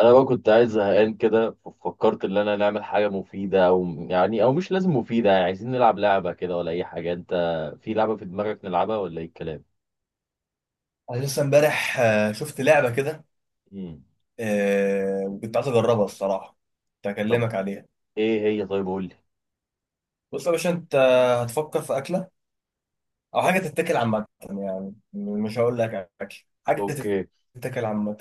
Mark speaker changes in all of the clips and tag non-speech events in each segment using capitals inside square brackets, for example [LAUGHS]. Speaker 1: انا بقى كنت قاعد زهقان كده، ففكرت ان انا نعمل حاجه مفيده. او مش لازم مفيده، يعني عايزين نلعب لعبه كده ولا اي حاجه. انت في لعبه في دماغك نلعبها ولا ايه الكلام؟
Speaker 2: انا لسه امبارح، شفت لعبه كده.
Speaker 1: امم.
Speaker 2: وكنت عايز اجربها الصراحه. كنت
Speaker 1: طب
Speaker 2: هكلمك عليها.
Speaker 1: ايه هي، طيب قول لي.
Speaker 2: بص يا باشا، انت هتفكر في اكله او حاجه تتاكل عامه، يعني مش هقول لك اكل حاجه
Speaker 1: اوكي.
Speaker 2: تتاكل عامه.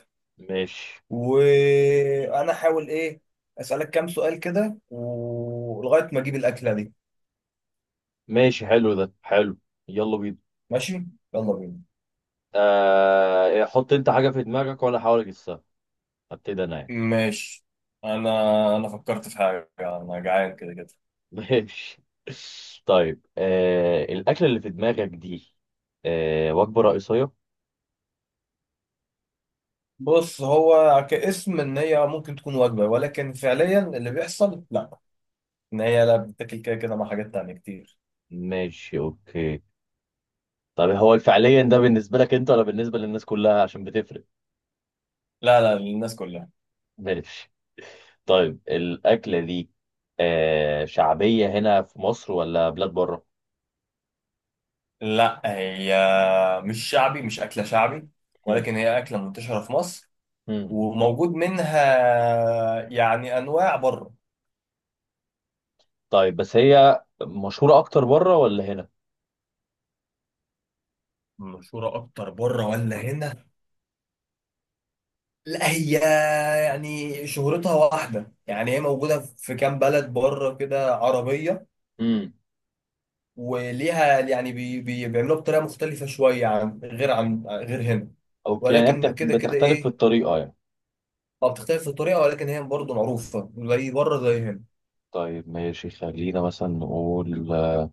Speaker 1: ماشي
Speaker 2: وانا هحاول ايه، اسالك كام سؤال كده ولغايه ما اجيب الاكله دي.
Speaker 1: ماشي، حلو ده حلو. يلا بينا.
Speaker 2: ماشي، يلا بينا.
Speaker 1: آه إيه، حط انت حاجه في دماغك وانا احاول اجسها. هبتدي انا يعني.
Speaker 2: ماشي. انا انا فكرت في حاجه، انا جعان كده كده.
Speaker 1: [LAUGHS] ماشي. طيب الاكله اللي في دماغك دي وجبه رئيسيه.
Speaker 2: بص، هو كاسم ان هي ممكن تكون وجبه، ولكن فعليا اللي بيحصل لا. ان هي لا بتاكل كده كده مع حاجات تانية كتير.
Speaker 1: ماشي اوكي. طب هو فعليا ده بالنسبة لك انت ولا بالنسبة للناس كلها عشان بتفرق.
Speaker 2: لا لا، للناس كلها.
Speaker 1: ماشي. طيب الأكلة دي شعبية هنا في مصر ولا بلاد بره؟
Speaker 2: لا هي، مش شعبي، مش اكله شعبي،
Speaker 1: مم.
Speaker 2: ولكن هي اكله منتشره في مصر.
Speaker 1: مم.
Speaker 2: وموجود منها يعني انواع بره.
Speaker 1: طيب بس هي مشهورة أكتر بره ولا هنا؟
Speaker 2: مشهوره اكتر بره ولا هنا؟ لا هي، يعني شهرتها واحده، يعني هي موجوده في كام بلد بره كده عربيه.
Speaker 1: مم.
Speaker 2: وليها يعني بيعملوها بطريقه مختلفه شويه عن غير هنا.
Speaker 1: أوكي، يعني هي
Speaker 2: ولكن كده كده
Speaker 1: بتختلف في
Speaker 2: ايه،
Speaker 1: الطريقة يعني.
Speaker 2: ما بتختلف في الطريقه، ولكن هي برضه معروفه زي بره زي هنا.
Speaker 1: طيب ماشي، خلينا مثلا نقول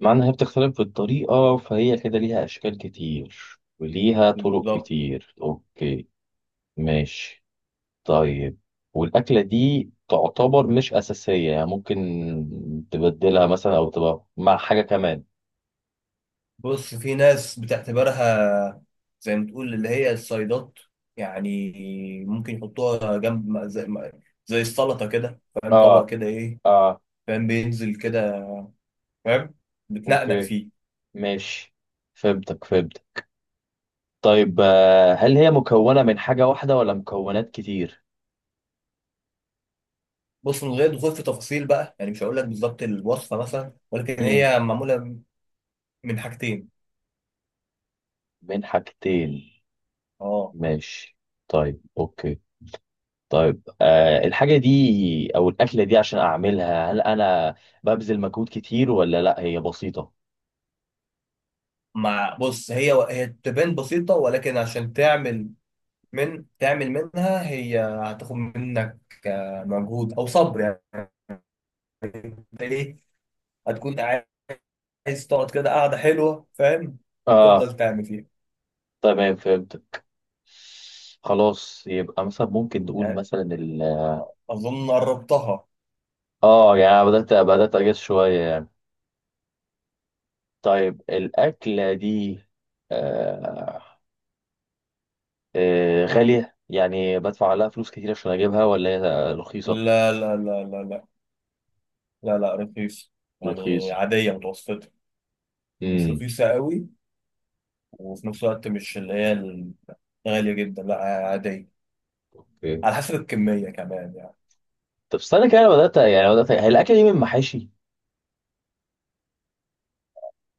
Speaker 1: معنى إن هي بتختلف في الطريقة، فهي كده ليها أشكال كتير وليها طرق
Speaker 2: بالظبط.
Speaker 1: كتير. أوكي ماشي. طيب، والأكلة دي تعتبر مش أساسية، يعني ممكن تبدلها مثلا أو تبقى مع حاجة كمان.
Speaker 2: بص، في ناس بتعتبرها زي ما تقول اللي هي الصيدات، يعني ممكن يحطوها جنب زي السلطه كده، فاهم؟ طبق
Speaker 1: آه.
Speaker 2: كده ايه،
Speaker 1: آه.
Speaker 2: فاهم؟ بينزل كده، فاهم. بتنقنق
Speaker 1: أوكي
Speaker 2: فيه.
Speaker 1: ماشي، فهمتك فهمتك. طيب هل هي مكونة من حاجة واحدة ولا مكونات كتير؟
Speaker 2: بص، من غير دخول في تفاصيل بقى، يعني مش هقول لك بالظبط الوصفه مثلا، ولكن
Speaker 1: مم.
Speaker 2: هي معموله من حاجتين.
Speaker 1: من حاجتين.
Speaker 2: اه.
Speaker 1: ماشي. طيب أوكي. طيب الحاجة دي أو الأكلة دي، عشان أعملها هل أنا ببذل مجهود كتير ولا لأ هي بسيطة؟
Speaker 2: مع بص، هي تبان بسيطة، ولكن عشان تعمل من تعمل منها، هي هتاخد منك مجهود او صبر يعني. انت ايه، هتكون عايز تقعد كده قاعدة حلوة، فاهم،
Speaker 1: آه.
Speaker 2: تفضل تعمل فيها.
Speaker 1: تمام فهمت. خلاص، يبقى مثلا ممكن نقول
Speaker 2: يعني
Speaker 1: مثلا ال.
Speaker 2: اظن قربتها.
Speaker 1: اه يعني أنا بدأت أجس شوية يعني. طيب الأكلة دي آه غالية، يعني بدفع لها فلوس كتير عشان أجيبها ولا هي رخيصة؟
Speaker 2: لا لا لا لا لا، لا لا، رخيص يعني،
Speaker 1: رخيص.
Speaker 2: عادية متوسطة. مش
Speaker 1: امم.
Speaker 2: رخيصة قوي، وفي نفس الوقت مش اللي هي الغالية جدا، لا عادية.
Speaker 1: اوكي.
Speaker 2: على حسب الكمية كمان يعني.
Speaker 1: طب استنى كده، أنا بدأت، يعني بدأت، هي الأكلة دي من محاشي؟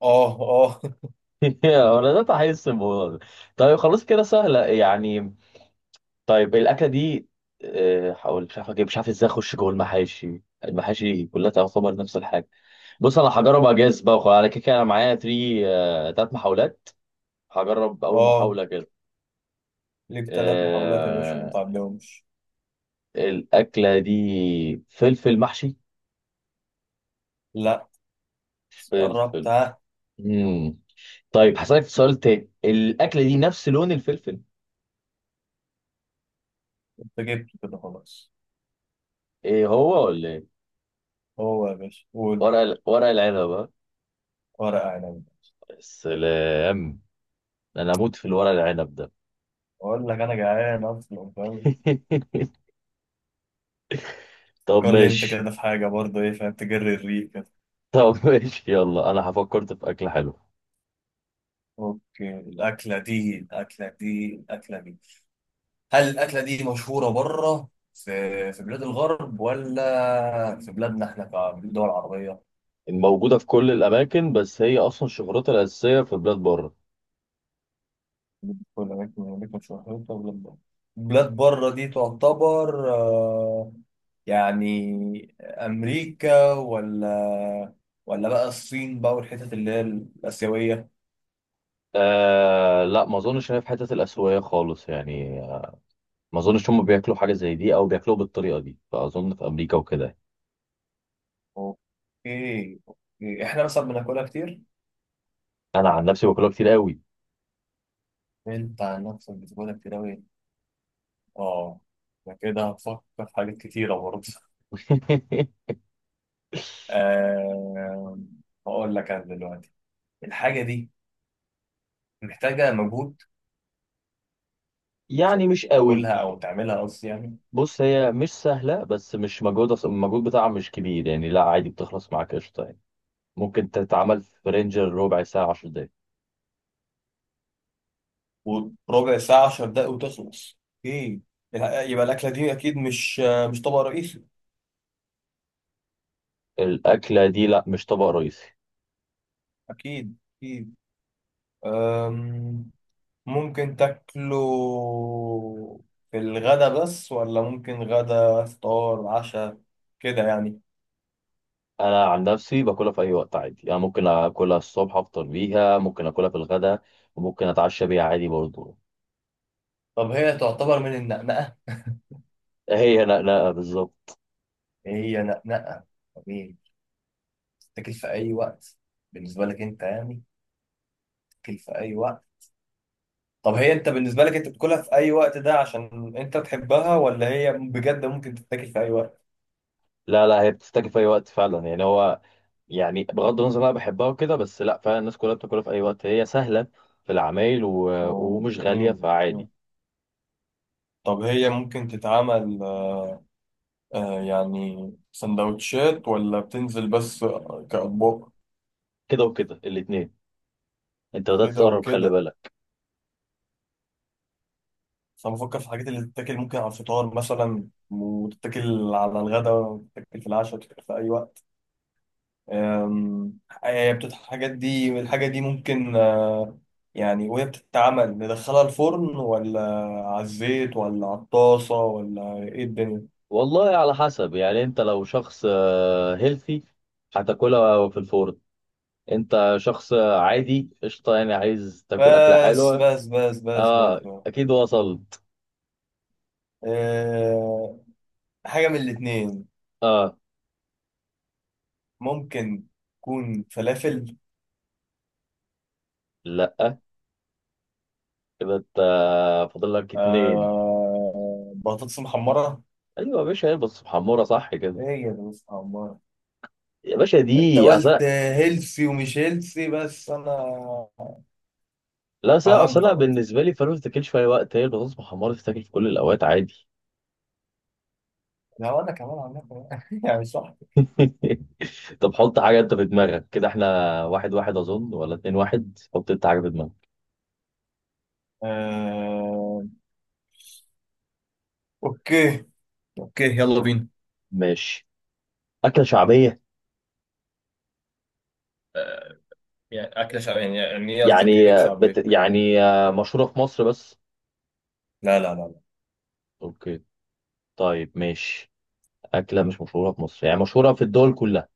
Speaker 2: اه اه [LAUGHS]
Speaker 1: [LAUGHS] أنا بدأت أحس الموضوع ده. طيب خلاص كده سهلة يعني. طيب الأكلة دي، هقول مش عارف أجيب، مش عارف إزاي أخش جوه المحاشي، المحاشي كلها تعتبر نفس الحاجة. بص انا هجرب اجاز بقى، وخلاص انا كده كده انا معايا 3 تلات محاولات. هجرب اول
Speaker 2: اه،
Speaker 1: محاوله كده.
Speaker 2: ليك 3 محاولات يا باشا، ما
Speaker 1: آه...
Speaker 2: تعديهمش.
Speaker 1: الاكله دي فلفل محشي.
Speaker 2: لا. قربت
Speaker 1: فلفل.
Speaker 2: ها.
Speaker 1: مم. طيب هسألك سؤال تاني، الاكله دي نفس لون الفلفل؟
Speaker 2: انت جبته كده خلاص.
Speaker 1: ايه هو ولا ايه؟
Speaker 2: هو يا باشا قول.
Speaker 1: ورق العنب ها؟
Speaker 2: ورقة عنب.
Speaker 1: يا سلام، انا اموت في الورق العنب ده.
Speaker 2: اقول لك انا جعان اصلا، فاهم.
Speaker 1: [LAUGHS] طب
Speaker 2: قول لي، انت
Speaker 1: ماشي.
Speaker 2: كده في حاجة برضه ايه، فاهم، تجري الريق كده.
Speaker 1: طب ماشي يلا، انا فكرت في اكله حلوه.
Speaker 2: اوكي، الاكلة دي، هل الاكلة دي مشهورة بره في بلاد الغرب، ولا في بلادنا احنا كدول عربية؟
Speaker 1: موجوده في كل الاماكن بس هي اصلا شهرتها الاساسيه في بلاد بره.
Speaker 2: في الأماكن، شهرتها بلاد بره. بلاد بره دي تعتبر يعني أمريكا، ولا بقى الصين بقى، والحتت اللي هي الآسيوية.
Speaker 1: آه لا، ما اظنش ان هي في حته الاسيويه خالص يعني، ما اظنش هم بياكلوا حاجه زي دي او بياكلوها بالطريقه دي، فاظن في امريكا وكده.
Speaker 2: أوكي أوكي، إحنا مثلا بناكلها كتير.
Speaker 1: انا عن نفسي باكلها كتير قوي.
Speaker 2: أنت عن نفسك بتاكلها كتير أوي. آه، أنا كده هفكر في حاجات كتيرة برضه.
Speaker 1: [LAUGHS]
Speaker 2: [LAUGHS] آه، هقول لك أنا دلوقتي الحاجة دي محتاجة مجهود
Speaker 1: يعني
Speaker 2: عشان
Speaker 1: مش قوي.
Speaker 2: تاكلها أو تعملها قصدي يعني.
Speaker 1: بص هي مش سهله، بس مش مجهود، المجهود بتاعها مش كبير يعني، لا عادي بتخلص معاك قشطه يعني، ممكن تتعمل في رينجر ربع ساعه 10 دقايق.
Speaker 2: وربع ساعة 10 دقايق وتخلص. ايه، يبقى الأكلة دي أكيد مش، مش طبق رئيسي.
Speaker 1: الاكله دي لا مش طبق رئيسي.
Speaker 2: أكيد أكيد. أم، ممكن تاكله في الغدا بس، ولا ممكن غدا فطار عشاء كده يعني؟
Speaker 1: انا عن نفسي باكلها في اي وقت عادي، انا ممكن اكلها الصبح افطر بيها، ممكن اكلها في الغداء، وممكن اتعشى بيها عادي برضه.
Speaker 2: طب هي تعتبر من النقنقة؟
Speaker 1: هي نقنقة بالظبط.
Speaker 2: هي نقنقة طبيعي، تاكل في أي وقت. بالنسبة لك أنت يعني، تاكل في أي وقت. طب هي، أنت بالنسبة لك أنت بتاكلها في أي وقت ده عشان أنت تحبها، ولا هي بجد ممكن تتاكل في أي وقت؟
Speaker 1: لا لا، هي بتفتكر في اي وقت فعلا يعني، هو يعني بغض النظر انا بحبها وكده، بس لا فعلا الناس كلها بتاكلها في اي وقت، هي سهلة في العمايل و...
Speaker 2: أوه.
Speaker 1: ومش غالية
Speaker 2: مم. مم.
Speaker 1: فعادي.
Speaker 2: طب هي ممكن تتعمل يعني سندوتشات، ولا بتنزل بس كأطباق؟
Speaker 1: كده وكده الاتنين، انت بدأت
Speaker 2: كده
Speaker 1: تقرب خلي
Speaker 2: وكده،
Speaker 1: بالك.
Speaker 2: بس أنا بفكر في الحاجات اللي تتاكل ممكن على الفطار مثلا، وتتاكل على الغداء، وتتاكل في العشاء، وتتاكل في أي وقت. الحاجات دي الحاجة دي ممكن آه يعني، وهي بتتعمل ندخلها الفرن، ولا على الزيت، ولا على الطاسة، ولا إيه الدنيا؟
Speaker 1: والله على حسب، يعني انت لو شخص هيلثي هتاكلها في الفرن. انت شخص عادي قشطة، يعني عايز تاكل أكلة
Speaker 2: بس
Speaker 1: حلوة.
Speaker 2: بس بس بس بس،
Speaker 1: اه
Speaker 2: بس.
Speaker 1: اكيد وصلت.
Speaker 2: آه، حاجة من الاتنين.
Speaker 1: اه
Speaker 2: ممكن تكون فلافل.
Speaker 1: لا، كده انت فاضل لك اتنين.
Speaker 2: آه، بطاطس محمرة.
Speaker 1: ايوه يا باشا، هي بس محمره صح كده؟
Speaker 2: هي بطاطس محمرة.
Speaker 1: يا باشا
Speaker 2: انت
Speaker 1: دي اصل.
Speaker 2: قلت هيلثي ومش هيلثي، بس انا
Speaker 1: لا اصل
Speaker 2: فهمت
Speaker 1: أنا
Speaker 2: على طول.
Speaker 1: بالنسبه لي فلوس تاكل في اي وقت، هي البطاطس محمره تتاكل في كل الاوقات عادي.
Speaker 2: لو انا كمان عملت [LAUGHS] يعني صح.
Speaker 1: [LAUGHS] طب حط حاجه انت في دماغك كده، احنا واحد واحد اظن ولا اتنين، واحد حط انت حاجه في دماغك.
Speaker 2: آه اوكي اوكي، يلا بينا.
Speaker 1: ماشي. اكله شعبيه.
Speaker 2: آه يعني اكلة شعبية، يعني ايه قصدك ايه
Speaker 1: يعني
Speaker 2: بشعبية؟
Speaker 1: يعني مشهوره في مصر بس.
Speaker 2: لا لا لا لا.
Speaker 1: اوكي. طيب ماشي. اكله مش مشهوره في مصر، يعني مشهوره في الدول كلها.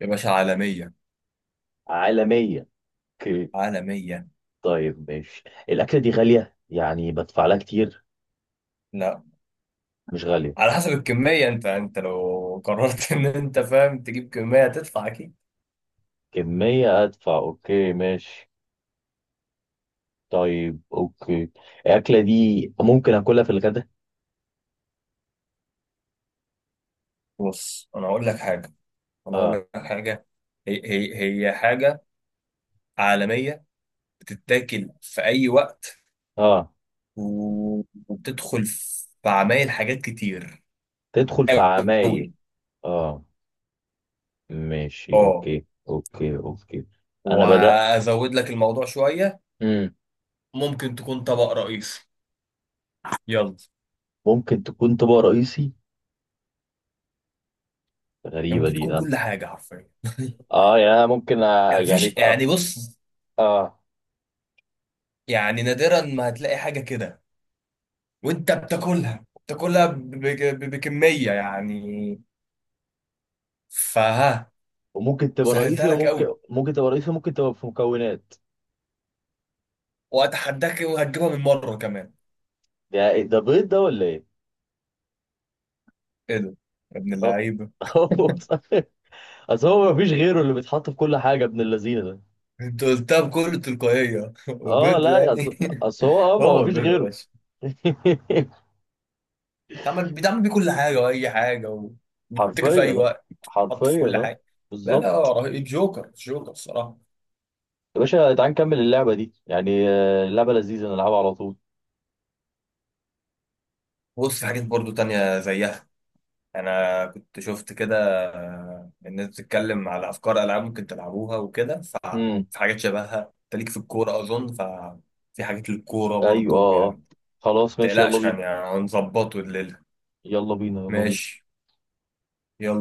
Speaker 2: يا باشا عالمية.
Speaker 1: عالميه. اوكي.
Speaker 2: عالمية.
Speaker 1: طيب ماشي. الاكله دي غاليه يعني بدفع لها كتير.
Speaker 2: لا،
Speaker 1: مش غاليه.
Speaker 2: على حسب الكمية، انت لو قررت [LAUGHS] ان انت فاهم تجيب كمية هتدفع اكيد.
Speaker 1: كمية أدفع أوكي ماشي. طيب أوكي. الأكلة دي ممكن أكلها في الغداء؟
Speaker 2: بص، انا اقول لك حاجه انا اقول
Speaker 1: آه.
Speaker 2: لك حاجه هي هي هي حاجه عالميه، بتتاكل في اي وقت،
Speaker 1: آه
Speaker 2: و- وبتدخل في عمايل حاجات كتير
Speaker 1: تدخل في
Speaker 2: قوي.
Speaker 1: عمايل. آه ماشي
Speaker 2: اه،
Speaker 1: أوكي أوكي أوكي. أنا بدأ.
Speaker 2: وازود لك الموضوع شويه.
Speaker 1: مم.
Speaker 2: ممكن تكون طبق رئيسي. يلا.
Speaker 1: ممكن تكون طبق رئيسي.
Speaker 2: يعني
Speaker 1: غريبة
Speaker 2: ممكن
Speaker 1: دي
Speaker 2: تكون
Speaker 1: أنا.
Speaker 2: كل حاجه حرفيا.
Speaker 1: يعني أنا ممكن
Speaker 2: [LAUGHS]
Speaker 1: يعني
Speaker 2: مفيش،
Speaker 1: في
Speaker 2: يعني بص،
Speaker 1: آه.
Speaker 2: يعني نادرا ما هتلاقي حاجه كده، وانت بتاكلها بكميه يعني، فها.
Speaker 1: وممكن تبقى
Speaker 2: سهلتها
Speaker 1: رئيسي،
Speaker 2: لك
Speaker 1: وممكن
Speaker 2: قوي،
Speaker 1: ممكن تبقى رئيسي، ممكن تبقى في مكونات.
Speaker 2: واتحداك وهتجيبها بالمره كمان.
Speaker 1: ده إيه ده، بيض ده ولا إيه؟
Speaker 2: ايه ده يا ابن
Speaker 1: آه.
Speaker 2: اللعيبه.
Speaker 1: [LAUGHS] هو صح. أصل هو مفيش غيره اللي بيتحط في كل حاجة ابن اللذينة ده.
Speaker 2: انت قلتها بكل تلقائيه [LAUGHS]
Speaker 1: اه
Speaker 2: بجد
Speaker 1: لا يا
Speaker 2: يعني.
Speaker 1: اصل، أصل هو
Speaker 2: [LAUGHS]
Speaker 1: ما
Speaker 2: هو
Speaker 1: هو فيش
Speaker 2: البيض يا
Speaker 1: غيره.
Speaker 2: باشا.
Speaker 1: [LAUGHS]
Speaker 2: بيتعمل بيه كل حاجه واي حاجه، و- وبيتاكل في
Speaker 1: حرفيا
Speaker 2: اي
Speaker 1: ده
Speaker 2: وقت. حط في
Speaker 1: حرفيا
Speaker 2: كل
Speaker 1: ده.
Speaker 2: حاجه. لا لا،
Speaker 1: بالظبط.
Speaker 2: رهيب، جوكر، جوكر الصراحه.
Speaker 1: يا باشا تعال نكمل اللعبه دي يعني، اللعبه لذيذه نلعبها على طول.
Speaker 2: بص، في حاجات برضو تانية زيها، أنا كنت شفت كده. الناس بتتكلم على أفكار ألعاب ممكن تلعبوها وكده،
Speaker 1: امم.
Speaker 2: ففي حاجات شبهها. أنت ليك في الكورة أظن، ففي حاجات للكورة
Speaker 1: ايوه اه
Speaker 2: برضو
Speaker 1: آه.
Speaker 2: يعني.
Speaker 1: خلاص ماشي يلا
Speaker 2: متقلقش،
Speaker 1: بينا.
Speaker 2: يعني هنظبطه.
Speaker 1: يلا بينا يلا بينا.
Speaker 2: ماشي، يلا.